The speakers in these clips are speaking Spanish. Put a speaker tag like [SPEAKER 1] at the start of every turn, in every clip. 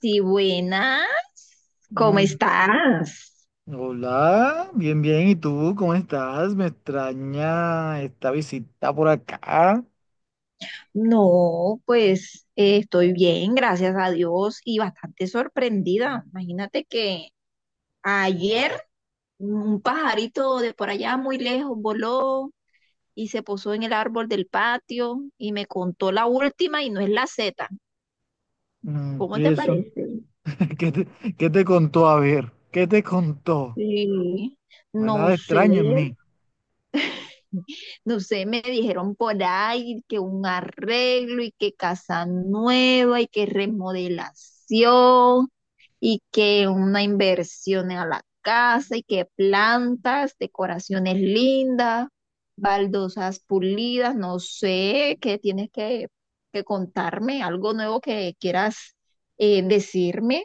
[SPEAKER 1] Sí, buenas. ¿Cómo
[SPEAKER 2] Mm.
[SPEAKER 1] estás?
[SPEAKER 2] Hola, bien, bien. ¿Y tú cómo estás? Me extraña esta visita por acá.
[SPEAKER 1] No, pues estoy bien, gracias a Dios y bastante sorprendida. Imagínate que ayer un pajarito de por allá muy lejos voló y se posó en el árbol del patio y me contó la última y no es la Z.
[SPEAKER 2] Mm,
[SPEAKER 1] ¿Cómo
[SPEAKER 2] ¿y
[SPEAKER 1] te
[SPEAKER 2] eso?
[SPEAKER 1] parece?
[SPEAKER 2] ¿Qué te, qué te contó? A ver, ¿qué te contó?
[SPEAKER 1] Sí,
[SPEAKER 2] No hay
[SPEAKER 1] no
[SPEAKER 2] nada
[SPEAKER 1] sé,
[SPEAKER 2] extraño en mí.
[SPEAKER 1] no sé, me dijeron por ahí que un arreglo y que casa nueva y que remodelación y que una inversión a la casa y que plantas, decoraciones lindas, baldosas pulidas, no sé, que contarme, algo nuevo que quieras decirme.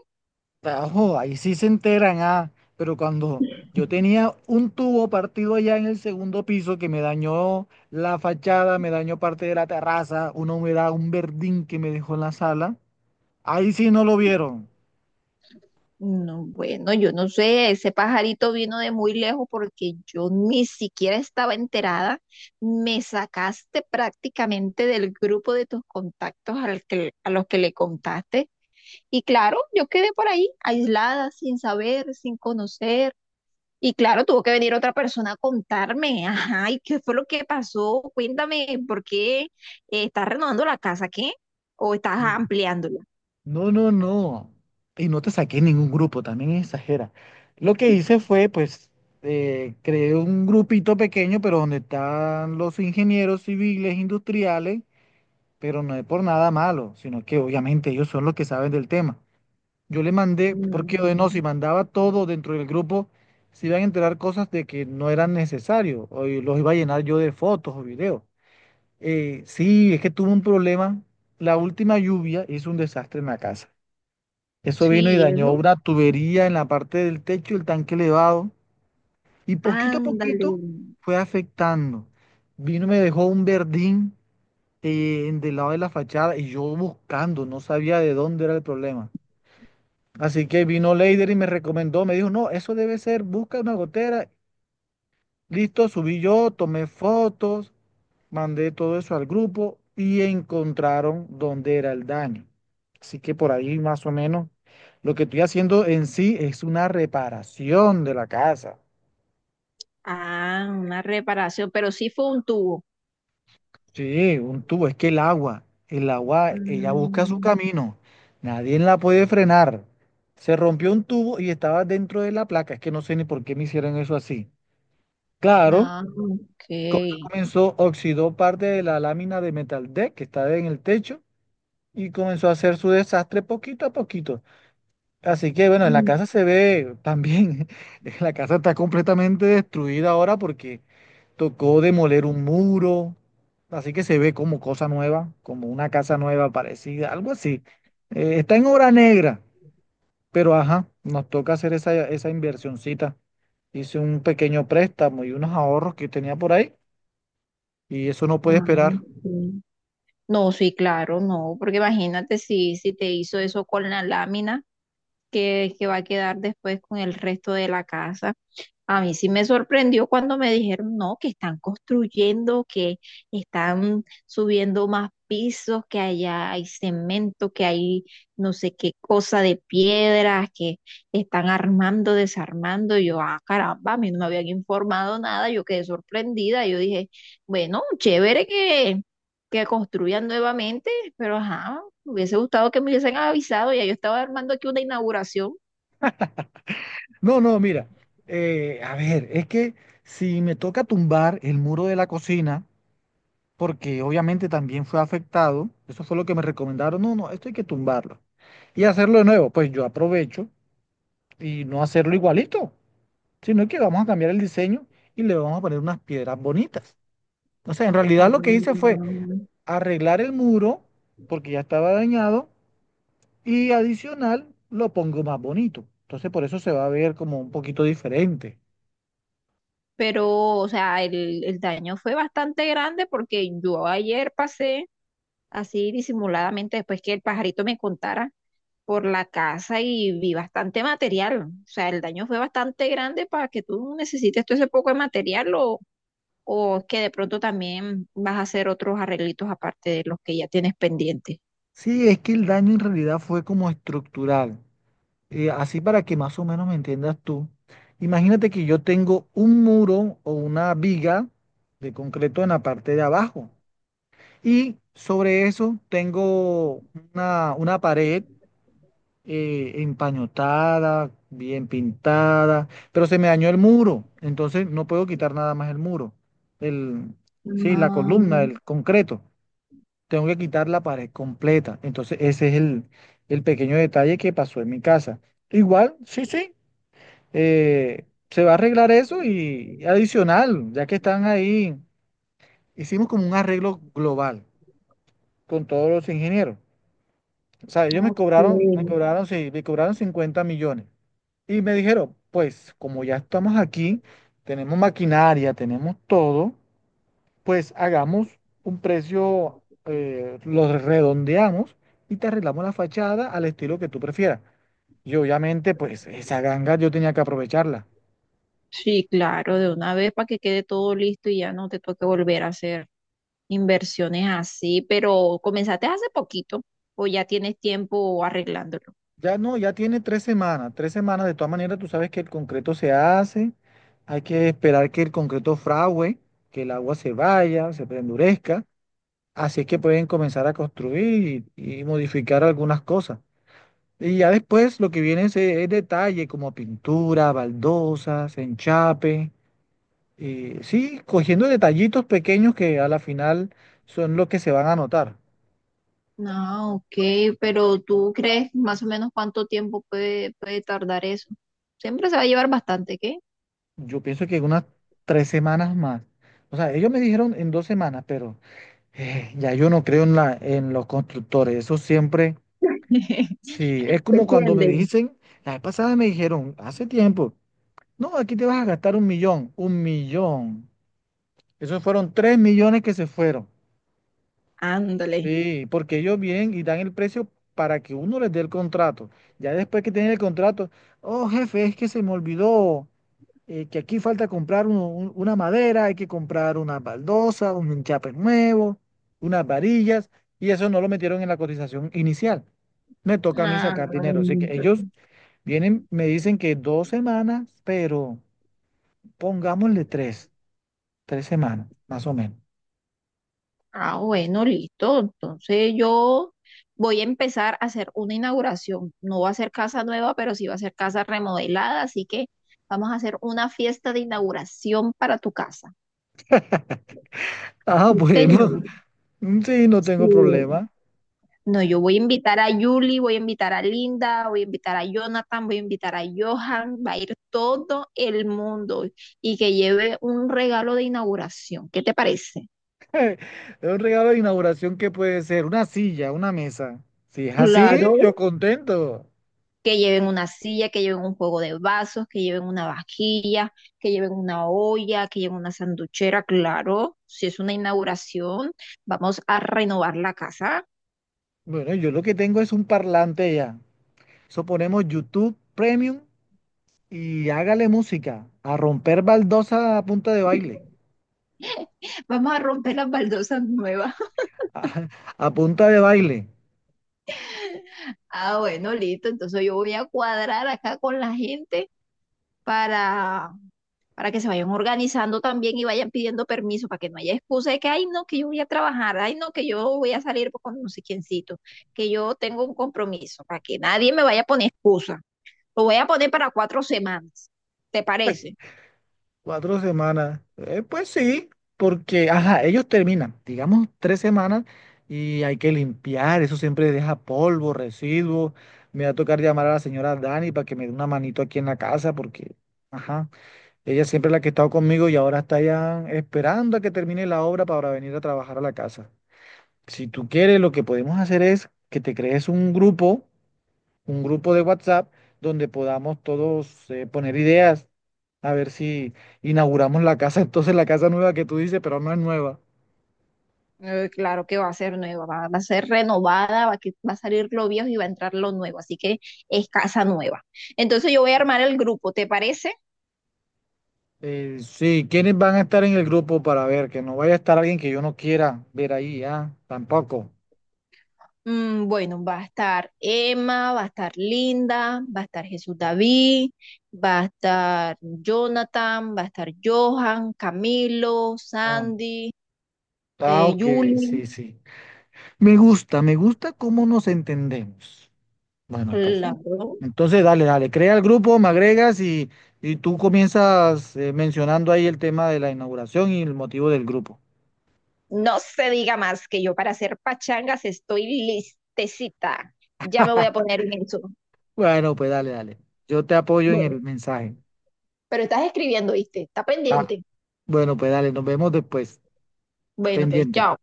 [SPEAKER 2] Tajo, ahí sí se enteran, ah. Pero cuando yo tenía un tubo partido allá en el segundo piso que me dañó la fachada, me dañó parte de la terraza, una humedad, un verdín que me dejó en la sala, ahí sí no lo vieron.
[SPEAKER 1] No, bueno, yo no sé, ese pajarito vino de muy lejos porque yo ni siquiera estaba enterada. Me sacaste prácticamente del grupo de tus contactos a los que le contaste. Y claro, yo quedé por ahí, aislada, sin saber, sin conocer. Y claro, tuvo que venir otra persona a contarme. Ajá, ¿y qué fue lo que pasó? Cuéntame, ¿por qué estás renovando la casa, qué? ¿O estás
[SPEAKER 2] Mm.
[SPEAKER 1] ampliándola?
[SPEAKER 2] No, no, no. Y no te saqué ningún grupo, también exagera. Lo que hice fue, pues, creé un grupito pequeño, pero donde están los ingenieros civiles, industriales, pero no es por nada malo, sino que obviamente ellos son los que saben del tema. Yo le mandé, porque de no, si
[SPEAKER 1] Mm,
[SPEAKER 2] mandaba todo dentro del grupo, se iban a enterar cosas de que no eran necesarios, o y los iba a llenar yo de fotos o videos. Sí, es que tuve un problema. La última lluvia hizo un desastre en la casa. Eso
[SPEAKER 1] sí,
[SPEAKER 2] vino y
[SPEAKER 1] ¿y
[SPEAKER 2] dañó
[SPEAKER 1] eso?
[SPEAKER 2] una tubería en la parte del techo, el tanque elevado, y poquito a
[SPEAKER 1] Ándale.
[SPEAKER 2] poquito fue afectando. Vino y me dejó un verdín del lado de la fachada y yo buscando, no sabía de dónde era el problema. Así que vino Leider y me recomendó, me dijo, no, eso debe ser, busca una gotera. Listo, subí yo, tomé fotos, mandé todo eso al grupo y encontraron dónde era el daño. Así que por ahí más o menos lo que estoy haciendo en sí es una reparación de la casa.
[SPEAKER 1] Ah, una reparación, pero sí fue un tubo.
[SPEAKER 2] Sí, un tubo, es que el agua, ella busca su
[SPEAKER 1] Mm,
[SPEAKER 2] camino, nadie la puede frenar. Se rompió un tubo y estaba dentro de la placa, es que no sé ni por qué me hicieron eso así. Claro,
[SPEAKER 1] no, ok.
[SPEAKER 2] comenzó, oxidó parte de la lámina de metal deck que estaba en el techo y comenzó a hacer su desastre poquito a poquito. Así que bueno, en la
[SPEAKER 1] Mm,
[SPEAKER 2] casa se ve también, la casa está completamente destruida ahora porque tocó demoler un muro, así que se ve como cosa nueva, como una casa nueva parecida, algo así. Está en obra negra, pero ajá, nos toca hacer esa inversioncita. Hice un pequeño préstamo y unos ahorros que tenía por ahí y eso no puede
[SPEAKER 1] no,
[SPEAKER 2] esperar.
[SPEAKER 1] ok. No, sí, claro, no, porque imagínate si te hizo eso con la lámina que va a quedar después con el resto de la casa. A mí sí me sorprendió cuando me dijeron, no, que están construyendo, que están subiendo más pisos, que allá hay cemento, que hay no sé qué cosa de piedras, que están armando, desarmando. Y yo, ah, caramba, a mí no me habían informado nada, yo quedé sorprendida. Yo dije, bueno, chévere que construyan nuevamente, pero ajá, me hubiese gustado que me hubiesen avisado, ya yo estaba armando aquí una inauguración.
[SPEAKER 2] No, no, mira, a ver, es que si me toca tumbar el muro de la cocina, porque obviamente también fue afectado. Eso fue lo que me recomendaron. No, no, esto hay que tumbarlo y hacerlo de nuevo. Pues yo aprovecho y no hacerlo igualito, sino que vamos a cambiar el diseño y le vamos a poner unas piedras bonitas. O sea, en
[SPEAKER 1] Ah,
[SPEAKER 2] realidad lo que hice fue arreglar el muro porque ya estaba dañado y adicional lo pongo más bonito. Entonces por eso se va a ver como un poquito diferente.
[SPEAKER 1] pero o sea, el daño fue bastante grande porque yo ayer pasé así disimuladamente después que el pajarito me contara por la casa y vi bastante material. O sea, el daño fue bastante grande para que tú necesites todo ese poco de material. Lo, o es que de pronto también vas a hacer otros arreglitos aparte de los que ya tienes pendientes.
[SPEAKER 2] Sí, es que el daño en realidad fue como estructural. Así para que más o menos me entiendas tú, imagínate que yo tengo un muro o una viga de concreto en la parte de abajo y sobre eso tengo una pared empañotada, bien pintada, pero se me dañó el muro, entonces no puedo quitar nada más el muro, el, sí, la
[SPEAKER 1] Ah,
[SPEAKER 2] columna, el concreto. Tengo que quitar la pared completa. Entonces, ese es el pequeño detalle que pasó en mi casa. Igual, sí, sí se va a arreglar eso y adicional, ya que están ahí, hicimos como un arreglo global con todos los ingenieros. O sea, ellos
[SPEAKER 1] ok.
[SPEAKER 2] me cobraron, sí, me cobraron 50 millones. Y me dijeron, pues como ya estamos aquí, tenemos maquinaria, tenemos todo, pues hagamos un precio, lo redondeamos y te arreglamos la fachada al estilo que tú prefieras. Y obviamente, pues esa ganga yo tenía que aprovecharla.
[SPEAKER 1] Sí, claro, de una vez para que quede todo listo y ya no te toque volver a hacer inversiones así, pero comenzaste hace poquito o ya tienes tiempo arreglándolo.
[SPEAKER 2] Ya no, ya tiene 3 semanas, 3 semanas. De todas maneras, tú sabes que el concreto se hace, hay que esperar que el concreto fragüe, que el agua se vaya, se endurezca. Así es que pueden comenzar a construir y modificar algunas cosas. Y ya después lo que viene es detalle como pintura, baldosas, enchape. Sí, cogiendo detallitos pequeños que a la final son los que se van a notar.
[SPEAKER 1] Ah, ok, pero ¿tú crees más o menos cuánto tiempo puede tardar eso? Siempre se va a llevar bastante, ¿qué?
[SPEAKER 2] Yo pienso que en unas 3 semanas más. O sea, ellos me dijeron en 2 semanas, pero... Ya yo no creo en en los constructores, eso siempre, sí, es
[SPEAKER 1] Se
[SPEAKER 2] como cuando me
[SPEAKER 1] tienden.
[SPEAKER 2] dicen, la vez pasada me dijeron, hace tiempo, no, aquí te vas a gastar 1 millón, 1 millón, esos fueron 3 millones que se fueron,
[SPEAKER 1] Ándale.
[SPEAKER 2] sí, porque ellos vienen y dan el precio para que uno les dé el contrato, ya después que tienen el contrato, oh jefe, es que se me olvidó, que aquí falta comprar una madera, hay que comprar unas baldosas, un enchape nuevo, unas varillas, y eso no lo metieron en la cotización inicial. Me toca a mí
[SPEAKER 1] Ah,
[SPEAKER 2] sacar dinero. Así que
[SPEAKER 1] lindo.
[SPEAKER 2] ellos vienen, me dicen que 2 semanas, pero pongámosle tres semanas, más o menos.
[SPEAKER 1] Ah, bueno, listo. Entonces yo voy a empezar a hacer una inauguración. No va a ser casa nueva, pero sí va a ser casa remodelada, así que vamos a hacer una fiesta de inauguración para tu casa.
[SPEAKER 2] Ah,
[SPEAKER 1] Sí,
[SPEAKER 2] bueno,
[SPEAKER 1] señor.
[SPEAKER 2] sí, no tengo
[SPEAKER 1] Sí.
[SPEAKER 2] problema.
[SPEAKER 1] No, yo voy a invitar a Julie, voy a invitar a Linda, voy a invitar a Jonathan, voy a invitar a Johan, va a ir todo el mundo y que lleve un regalo de inauguración. ¿Qué te parece?
[SPEAKER 2] Es un regalo de inauguración que puede ser una silla, una mesa. Si es así,
[SPEAKER 1] Claro.
[SPEAKER 2] yo contento.
[SPEAKER 1] Que lleven una silla, que lleven un juego de vasos, que lleven una vajilla, que lleven una olla, que lleven una sanduchera, claro. Si es una inauguración, vamos a renovar la casa,
[SPEAKER 2] Bueno, yo lo que tengo es un parlante ya. Eso ponemos YouTube Premium y hágale música. A romper baldosa a punta de baile.
[SPEAKER 1] vamos a romper las baldosas nuevas.
[SPEAKER 2] A, a punta de baile.
[SPEAKER 1] Ah, bueno, listo. Entonces yo voy a cuadrar acá con la gente para, para que se vayan organizando también y vayan pidiendo permiso, para que no haya excusa de que, ay, no, que yo voy a trabajar, ay, no, que yo voy a salir con no sé quiéncito, que yo tengo un compromiso, para que nadie me vaya a poner excusa. Lo voy a poner para 4 semanas, ¿te parece?
[SPEAKER 2] 4 semanas. Pues sí, porque, ajá, ellos terminan, digamos, 3 semanas y hay que limpiar. Eso siempre deja polvo, residuos. Me va a tocar llamar a la señora Dani para que me dé una manito aquí en la casa porque, ajá, ella siempre es la que ha estado conmigo y ahora está ya esperando a que termine la obra para venir a trabajar a la casa. Si tú quieres, lo que podemos hacer es que te crees un grupo de WhatsApp, donde podamos todos poner ideas, a ver si inauguramos la casa, entonces la casa nueva que tú dices, pero no es nueva.
[SPEAKER 1] Claro que va a ser nueva, va a ser renovada, va a salir lo viejo y va a entrar lo nuevo, así que es casa nueva. Entonces yo voy a armar el grupo, ¿te parece?
[SPEAKER 2] Sí, ¿quiénes van a estar en el grupo para ver? Que no vaya a estar alguien que yo no quiera ver ahí, ah, tampoco.
[SPEAKER 1] Mm, bueno, va a estar Emma, va a estar Linda, va a estar Jesús David, va a estar Jonathan, va a estar Johan, Camilo,
[SPEAKER 2] Ah,
[SPEAKER 1] Sandy,
[SPEAKER 2] ah, ok,
[SPEAKER 1] Julie.
[SPEAKER 2] sí, sí. Me gusta cómo nos entendemos. Bueno, pues, sí.
[SPEAKER 1] Claro.
[SPEAKER 2] Entonces, dale, dale, crea el grupo, me agregas y tú comienzas mencionando ahí el tema de la inauguración y el motivo del grupo.
[SPEAKER 1] No se diga más que yo para hacer pachangas estoy listecita. Ya me voy a poner en eso.
[SPEAKER 2] Bueno, pues dale, dale. Yo te apoyo en
[SPEAKER 1] Bueno,
[SPEAKER 2] el mensaje.
[SPEAKER 1] pero estás escribiendo, ¿viste? Está
[SPEAKER 2] Ah,
[SPEAKER 1] pendiente.
[SPEAKER 2] bueno, pues dale, nos vemos después.
[SPEAKER 1] Bueno, pues
[SPEAKER 2] Pendiente.
[SPEAKER 1] chao.